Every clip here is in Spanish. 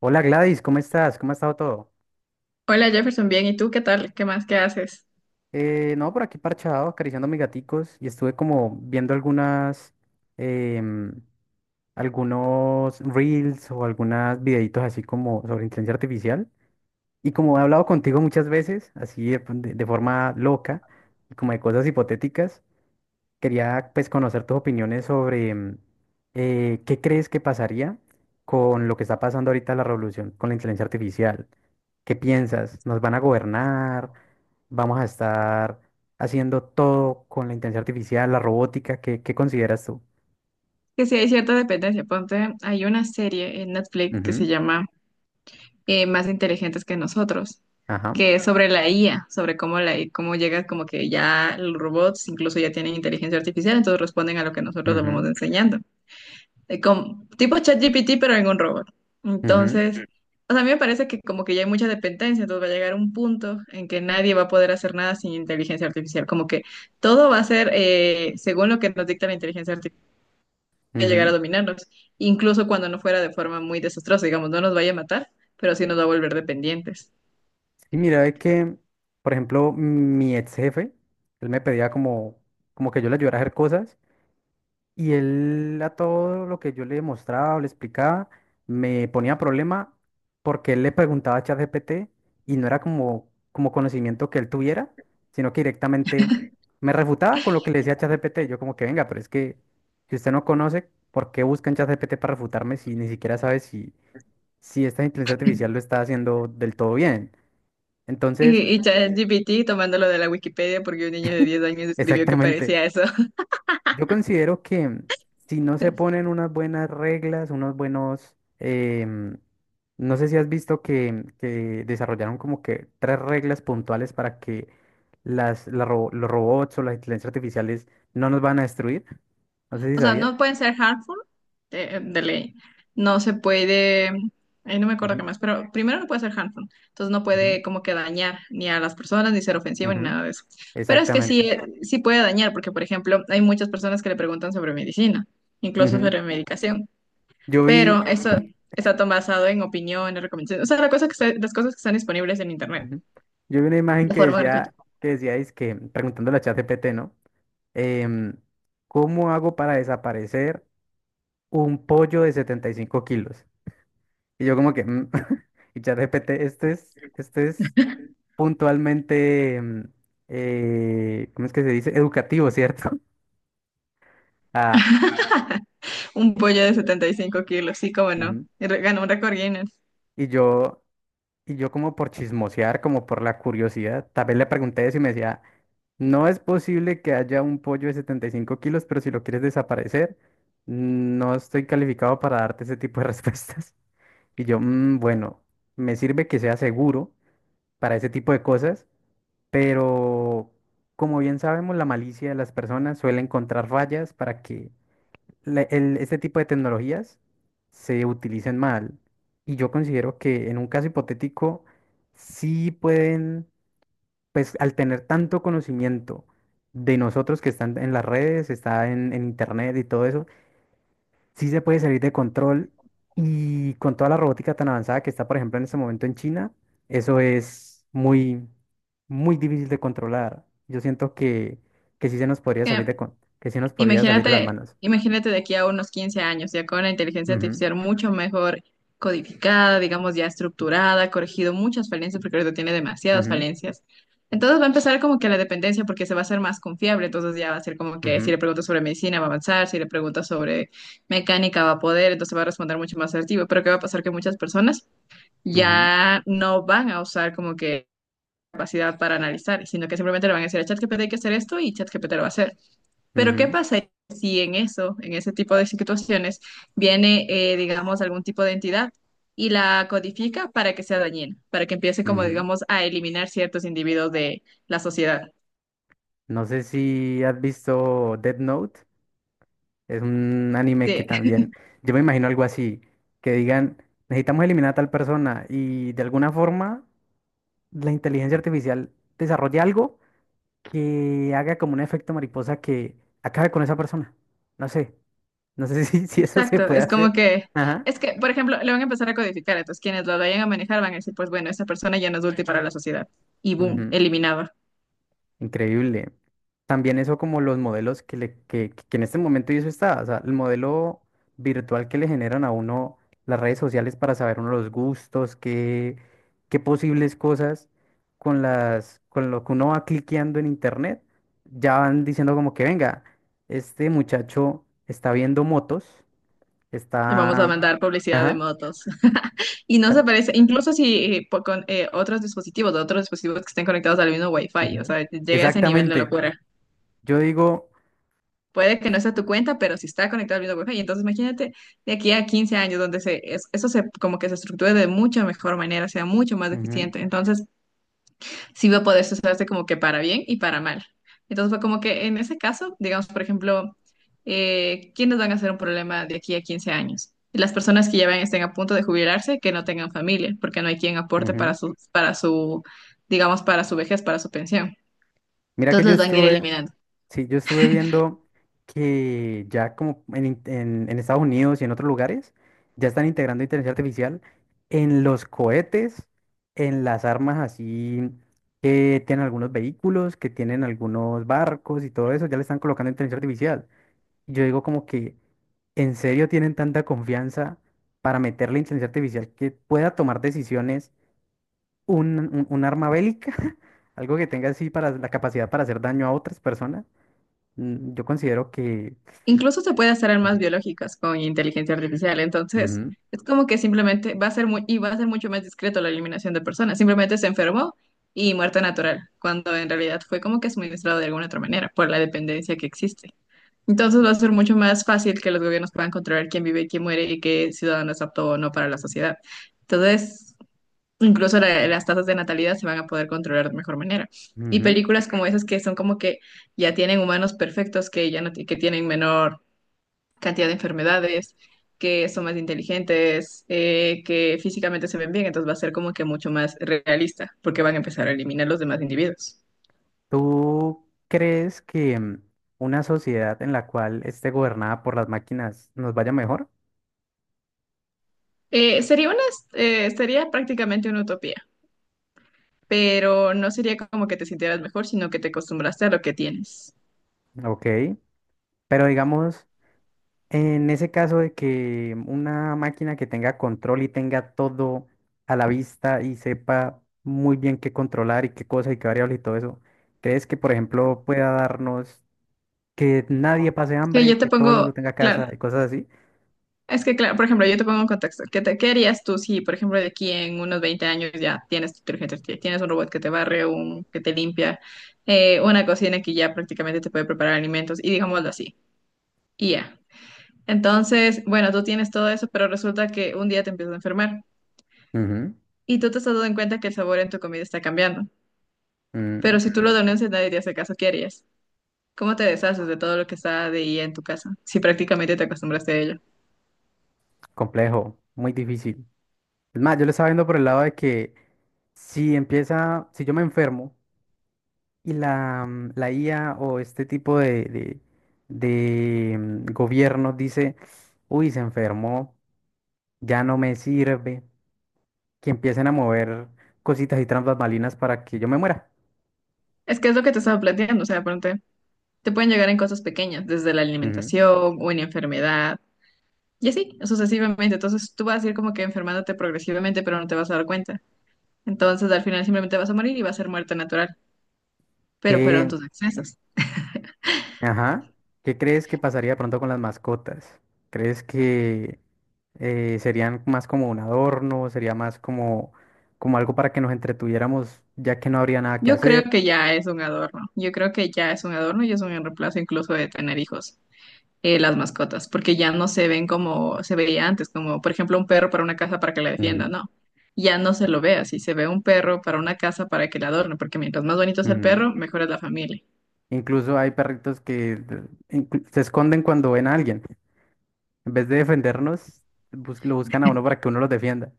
Hola Gladys, ¿cómo estás? ¿Cómo ha estado todo? Hola Jefferson, bien, ¿y tú qué tal? ¿Qué más? ¿Qué haces? No, por aquí parchado, acariciando a mis gaticos y estuve como viendo algunas, em, algunos reels o algunos videitos así como sobre inteligencia artificial. Y como he hablado contigo muchas veces, así de forma loca, como de cosas hipotéticas, quería pues conocer tus opiniones sobre qué crees que pasaría con lo que está pasando ahorita la revolución con la inteligencia artificial. ¿Qué piensas? ¿Nos van a gobernar? ¿Vamos a estar haciendo todo con la inteligencia artificial, la robótica? ¿Qué consideras tú? Que sí hay cierta dependencia. Ponte, hay una serie en Netflix que se Ujú. llama Más inteligentes que nosotros, Ajá. que es sobre la IA, sobre cómo cómo llega como que ya los robots incluso ya tienen inteligencia artificial, entonces responden a lo que nosotros les vamos Ujú, enseñando. Tipo ChatGPT, pero en un robot. ujú, Entonces, o sea, a mí me parece que como que ya hay mucha dependencia, entonces va a llegar un punto en que nadie va a poder hacer nada sin inteligencia artificial, como que todo va a ser según lo que nos dicta la inteligencia artificial, va a llegar ujú. a dominarnos, incluso cuando no fuera de forma muy desastrosa, digamos, no nos vaya a matar, pero sí nos va a volver dependientes. Y mira, es que, por ejemplo, mi ex jefe, él me pedía como, como que yo le ayudara a hacer cosas. Y él a todo lo que yo le mostraba o le explicaba me ponía problema porque él le preguntaba a ChatGPT y no era como, como conocimiento que él tuviera, sino que directamente me refutaba con lo que le decía ChatGPT. Yo como que venga, pero es que si usted no conoce, ¿por qué busca en ChatGPT para refutarme si ni siquiera sabe si, si esta inteligencia artificial lo está haciendo del todo bien? Y, Entonces, y ChatGPT tomándolo de la Wikipedia porque un niño de 10 años escribió que exactamente. parecía eso. Yo considero que si no se ponen unas buenas reglas, unos buenos, no sé si has visto que desarrollaron como que tres reglas puntuales para que los robots o las inteligencias artificiales no nos van a destruir. No sé si O sea, sabías. no pueden ser harmful de ley. No se puede, ahí no me acuerdo qué Ujú, más, pero primero no puede ser harmful. Entonces no ujú, puede como que dañar ni a las personas, ni ser ofensivo, ni ujú. nada de eso. Pero es que sí, Exactamente. Sí puede dañar, porque por ejemplo, hay muchas personas que le preguntan sobre medicina, incluso Ujú. sobre medicación. Yo vi, Pero eso está todo basado en opiniones, recomendaciones. O sea, la cosa que está- las cosas que están disponibles en internet ujú. Yo vi una imagen de forma gratuita. Que decía, es que preguntándole a ChatGPT, ¿no? Em, ¿Cómo hago para desaparecer un pollo de 75 kilos? Y yo como que, mm, y ChatGPT, esto es puntualmente, ¿cómo es que se dice? Educativo, ¿cierto? Ah, Un pollo de 75 kilos, sí, cómo no. ujú. Ganó un récord Guinness. Y yo, y yo como por chismosear, como por la curiosidad, tal vez le pregunté eso y me decía, no es posible que haya un pollo de 75 kilos, pero si lo quieres desaparecer, no estoy calificado para darte ese tipo de respuestas. Y yo, "Mm, bueno, me sirve que sea seguro para ese tipo de cosas. Pero como bien sabemos, la malicia de las personas suele encontrar fallas para que este tipo de tecnologías se utilicen mal. Y yo considero que en un caso hipotético, sí pueden, pues al tener tanto conocimiento de nosotros que están en las redes, está en internet y todo eso, sí se puede salir de control y con toda la robótica tan avanzada que está, por ejemplo, en este momento en China, eso es muy, muy difícil de controlar. Yo siento que sí se nos podría salir Eh, que sí nos podría salir de las Imagínate, manos. imagínate de aquí a unos 15 años, ya con la inteligencia Ujú, artificial mucho mejor codificada, digamos ya estructurada, corregido muchas falencias, porque ahorita tiene demasiadas ujú, falencias. Entonces va a empezar como que la dependencia, porque se va a hacer más confiable, entonces ya va a ser como que si ujú, le preguntas sobre medicina va a avanzar, si le preguntas sobre mecánica va a poder, entonces va a responder mucho más asertivo, pero ¿qué va a pasar? Que muchas personas ujú, ya no van a usar como que capacidad para analizar, sino que simplemente le van a decir a ChatGPT hay que hacer esto y ChatGPT lo va a hacer. Pero ¿qué ujú, pasa si en eso, en ese tipo de situaciones, viene, digamos, algún tipo de entidad y la codifica para que sea dañina, para que empiece como, ujú. digamos, a eliminar ciertos individuos de la sociedad? No sé si has visto Death Note, es un anime que Sí, también, yo me imagino algo así, que digan, necesitamos eliminar a tal persona y de alguna forma la inteligencia artificial desarrolle algo que haga como un efecto mariposa que acabe con esa persona. No sé, no sé si, si eso se exacto. puede Es hacer. como que, Ajá. es que, por ejemplo, le van a empezar a codificar, entonces quienes lo vayan a manejar van a decir, pues bueno, esa persona ya no es útil para la sociedad. Y boom, Ujú. eliminado. Increíble. También eso como los modelos que en este momento y eso está, o sea, el modelo virtual que le generan a uno las redes sociales para saber uno los gustos, qué, qué posibles cosas con las, con lo que uno va cliqueando en internet, ya van diciendo como que venga, este muchacho está viendo motos, Le vamos a está... mandar publicidad de Ajá. motos. Y no se parece, incluso si con otros dispositivos que estén conectados al mismo Wi-Fi, o Ujú. sea, llega a ese nivel de Exactamente. locura. Yo digo, Puede que no sea tu cuenta, pero si está conectado al mismo Wi-Fi, entonces imagínate de aquí a 15 años donde eso se como que se estructure de mucha mejor manera, sea mucho más eficiente. Entonces, sí va a poder usarse como que para bien y para mal. Entonces fue como que en ese caso, digamos, por ejemplo, ¿quiénes van a ser un problema de aquí a 15 años? Las personas que ya estén a punto de jubilarse, que no tengan familia, porque no hay quien ujú, aporte ujú. para su, digamos, para su vejez, para su pensión. Mira que Entonces yo los van a ir estuve... eliminando. Sí, yo estuve viendo que ya como en Estados Unidos y en otros lugares ya están integrando inteligencia artificial en los cohetes, en las armas así que tienen algunos vehículos, que tienen algunos barcos y todo eso, ya le están colocando inteligencia artificial. Y yo digo como que en serio tienen tanta confianza para meterle inteligencia artificial que pueda tomar decisiones un arma bélica, algo que tenga así para la capacidad para hacer daño a otras personas. Yo considero que... Incluso se puede hacer armas Ujú. biológicas con inteligencia artificial, entonces Ujú. es como que simplemente va a ser muy, y va a ser mucho más discreto la eliminación de personas, simplemente se enfermó y muerte natural, cuando en realidad fue como que suministrado de alguna otra manera por la dependencia que existe. Entonces va a ser mucho más fácil que los gobiernos puedan controlar quién vive y quién muere y qué ciudadano es apto o no para la sociedad. Entonces, incluso las tasas de natalidad se van a poder controlar de mejor manera. Y películas como esas que son como que ya tienen humanos perfectos que ya no ti- que tienen menor cantidad de enfermedades, que son más inteligentes, que físicamente se ven bien, entonces va a ser como que mucho más realista, porque van a empezar a eliminar los demás individuos. ¿Tú crees que una sociedad en la cual esté gobernada por las máquinas nos vaya mejor? Eh, sería una, sería prácticamente una utopía, pero no sería como que te sintieras mejor, sino que te acostumbraste a lo que tienes. Ok, pero digamos, en ese caso de que una máquina que tenga control y tenga todo a la vista y sepa muy bien qué controlar y qué cosa y qué variable y todo eso, ¿crees que, por ejemplo, pueda darnos que nadie pase Que hambre, yo te que todo el mundo pongo, tenga claro, casa y cosas así? Es que, claro, por ejemplo, yo te pongo en contexto. ¿Qué harías tú si, por ejemplo, de aquí en unos 20 años ya tienes tu inteligencia artificial, tienes un robot que te barre, un que te limpia, una cocina que ya prácticamente te puede preparar alimentos y digámoslo así, y ya. Entonces, bueno, tú tienes todo eso, pero resulta que un día te empiezas a enfermar Ujú, y tú te estás dando en cuenta que el sabor en tu comida está cambiando. mm. Pero si tú lo denuncias, nadie te hace caso, ¿qué harías? ¿Cómo te deshaces de todo lo que está de IA en tu casa si prácticamente te acostumbraste a ello? Complejo, muy difícil. Es más, yo lo estaba viendo por el lado de que si empieza, si yo me enfermo y la, la IA o este tipo de gobierno dice, uy, se enfermó, ya no me sirve, que empiecen a mover cositas y trampas balinas para que yo me muera. Es que es lo que te estaba planteando, o sea, pronto. Te pueden llegar en cosas pequeñas, desde la Ujú. alimentación, una enfermedad, y así, sucesivamente. Entonces tú vas a ir como que enfermándote progresivamente, pero no te vas a dar cuenta. Entonces al final simplemente vas a morir y va a ser muerte natural, pero fueron ¿Qué, tus excesos. Ajá. ¿Qué crees que pasaría de pronto con las mascotas? ¿Crees que serían más como un adorno? ¿Sería más como, como algo para que nos entretuviéramos ya que no habría nada que Yo creo hacer? que ya es un adorno, yo creo que ya es un adorno y es un reemplazo incluso de tener hijos, las mascotas, porque ya no se ven como se veía antes, como por ejemplo un perro para una casa para que la defienda, Ujú, no ya no se lo ve así. Se ve un perro para una casa para que la adorne, porque mientras más bonito es el ujú. perro, mejor es la familia. Incluso hay perritos que se esconden cuando ven a alguien. En vez de defendernos, lo buscan a uno para que uno los defienda.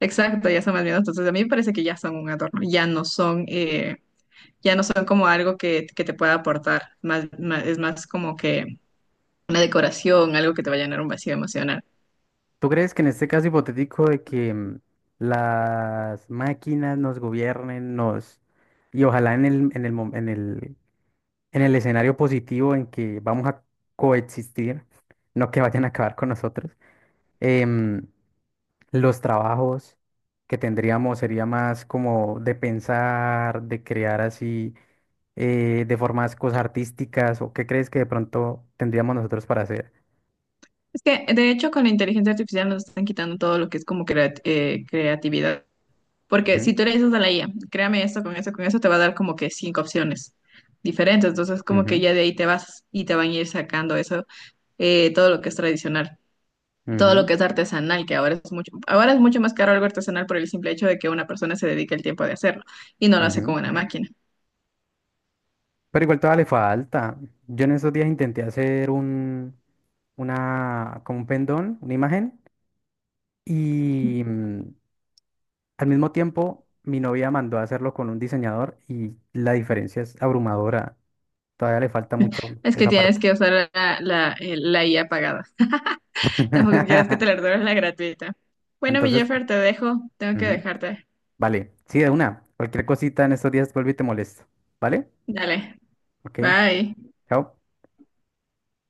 Exacto, ya son más miedos. Entonces, a mí me parece que ya son un adorno, ya no son como algo que te pueda aportar, es más como que una decoración, algo que te va a llenar un vacío emocional. ¿Tú crees que en este caso hipotético de que las máquinas nos gobiernen, nos... Y ojalá en el en el escenario positivo en que vamos a coexistir, no que vayan a acabar con nosotros, em, los trabajos que tendríamos sería más como de pensar, de crear así, de formas cosas artísticas, o qué crees que de pronto tendríamos nosotros para hacer. Es que, de hecho, con la inteligencia artificial nos están quitando todo lo que es como creatividad. Porque Ujú, si tú le dices a la IA, créame esto, con eso, te va a dar como que cinco opciones diferentes. Entonces, como que ujú, ya de ahí te vas y te van a ir sacando eso, todo lo que es tradicional. Todo lo ujú, que es artesanal, que ahora es mucho más caro algo artesanal por el simple hecho de que una persona se dedica el tiempo de hacerlo y no lo hace con ujú. una máquina. Pero igual todavía le falta. Yo en esos días intenté hacer como un pendón, una imagen. Y, mm, al mismo tiempo, mi novia mandó a hacerlo con un diseñador y la diferencia es abrumadora. Todavía le falta mucho Es que esa tienes parte. que usar la IA pagada. Tampoco quieres que te la den la gratuita. Bueno, mi Entonces, Jeffer, te dejo. Tengo que ujú, dejarte. vale. Sí, de una. Cualquier cosita en estos días vuelvo y te molesto. ¿Vale? Dale. Ok. Bye. Chao.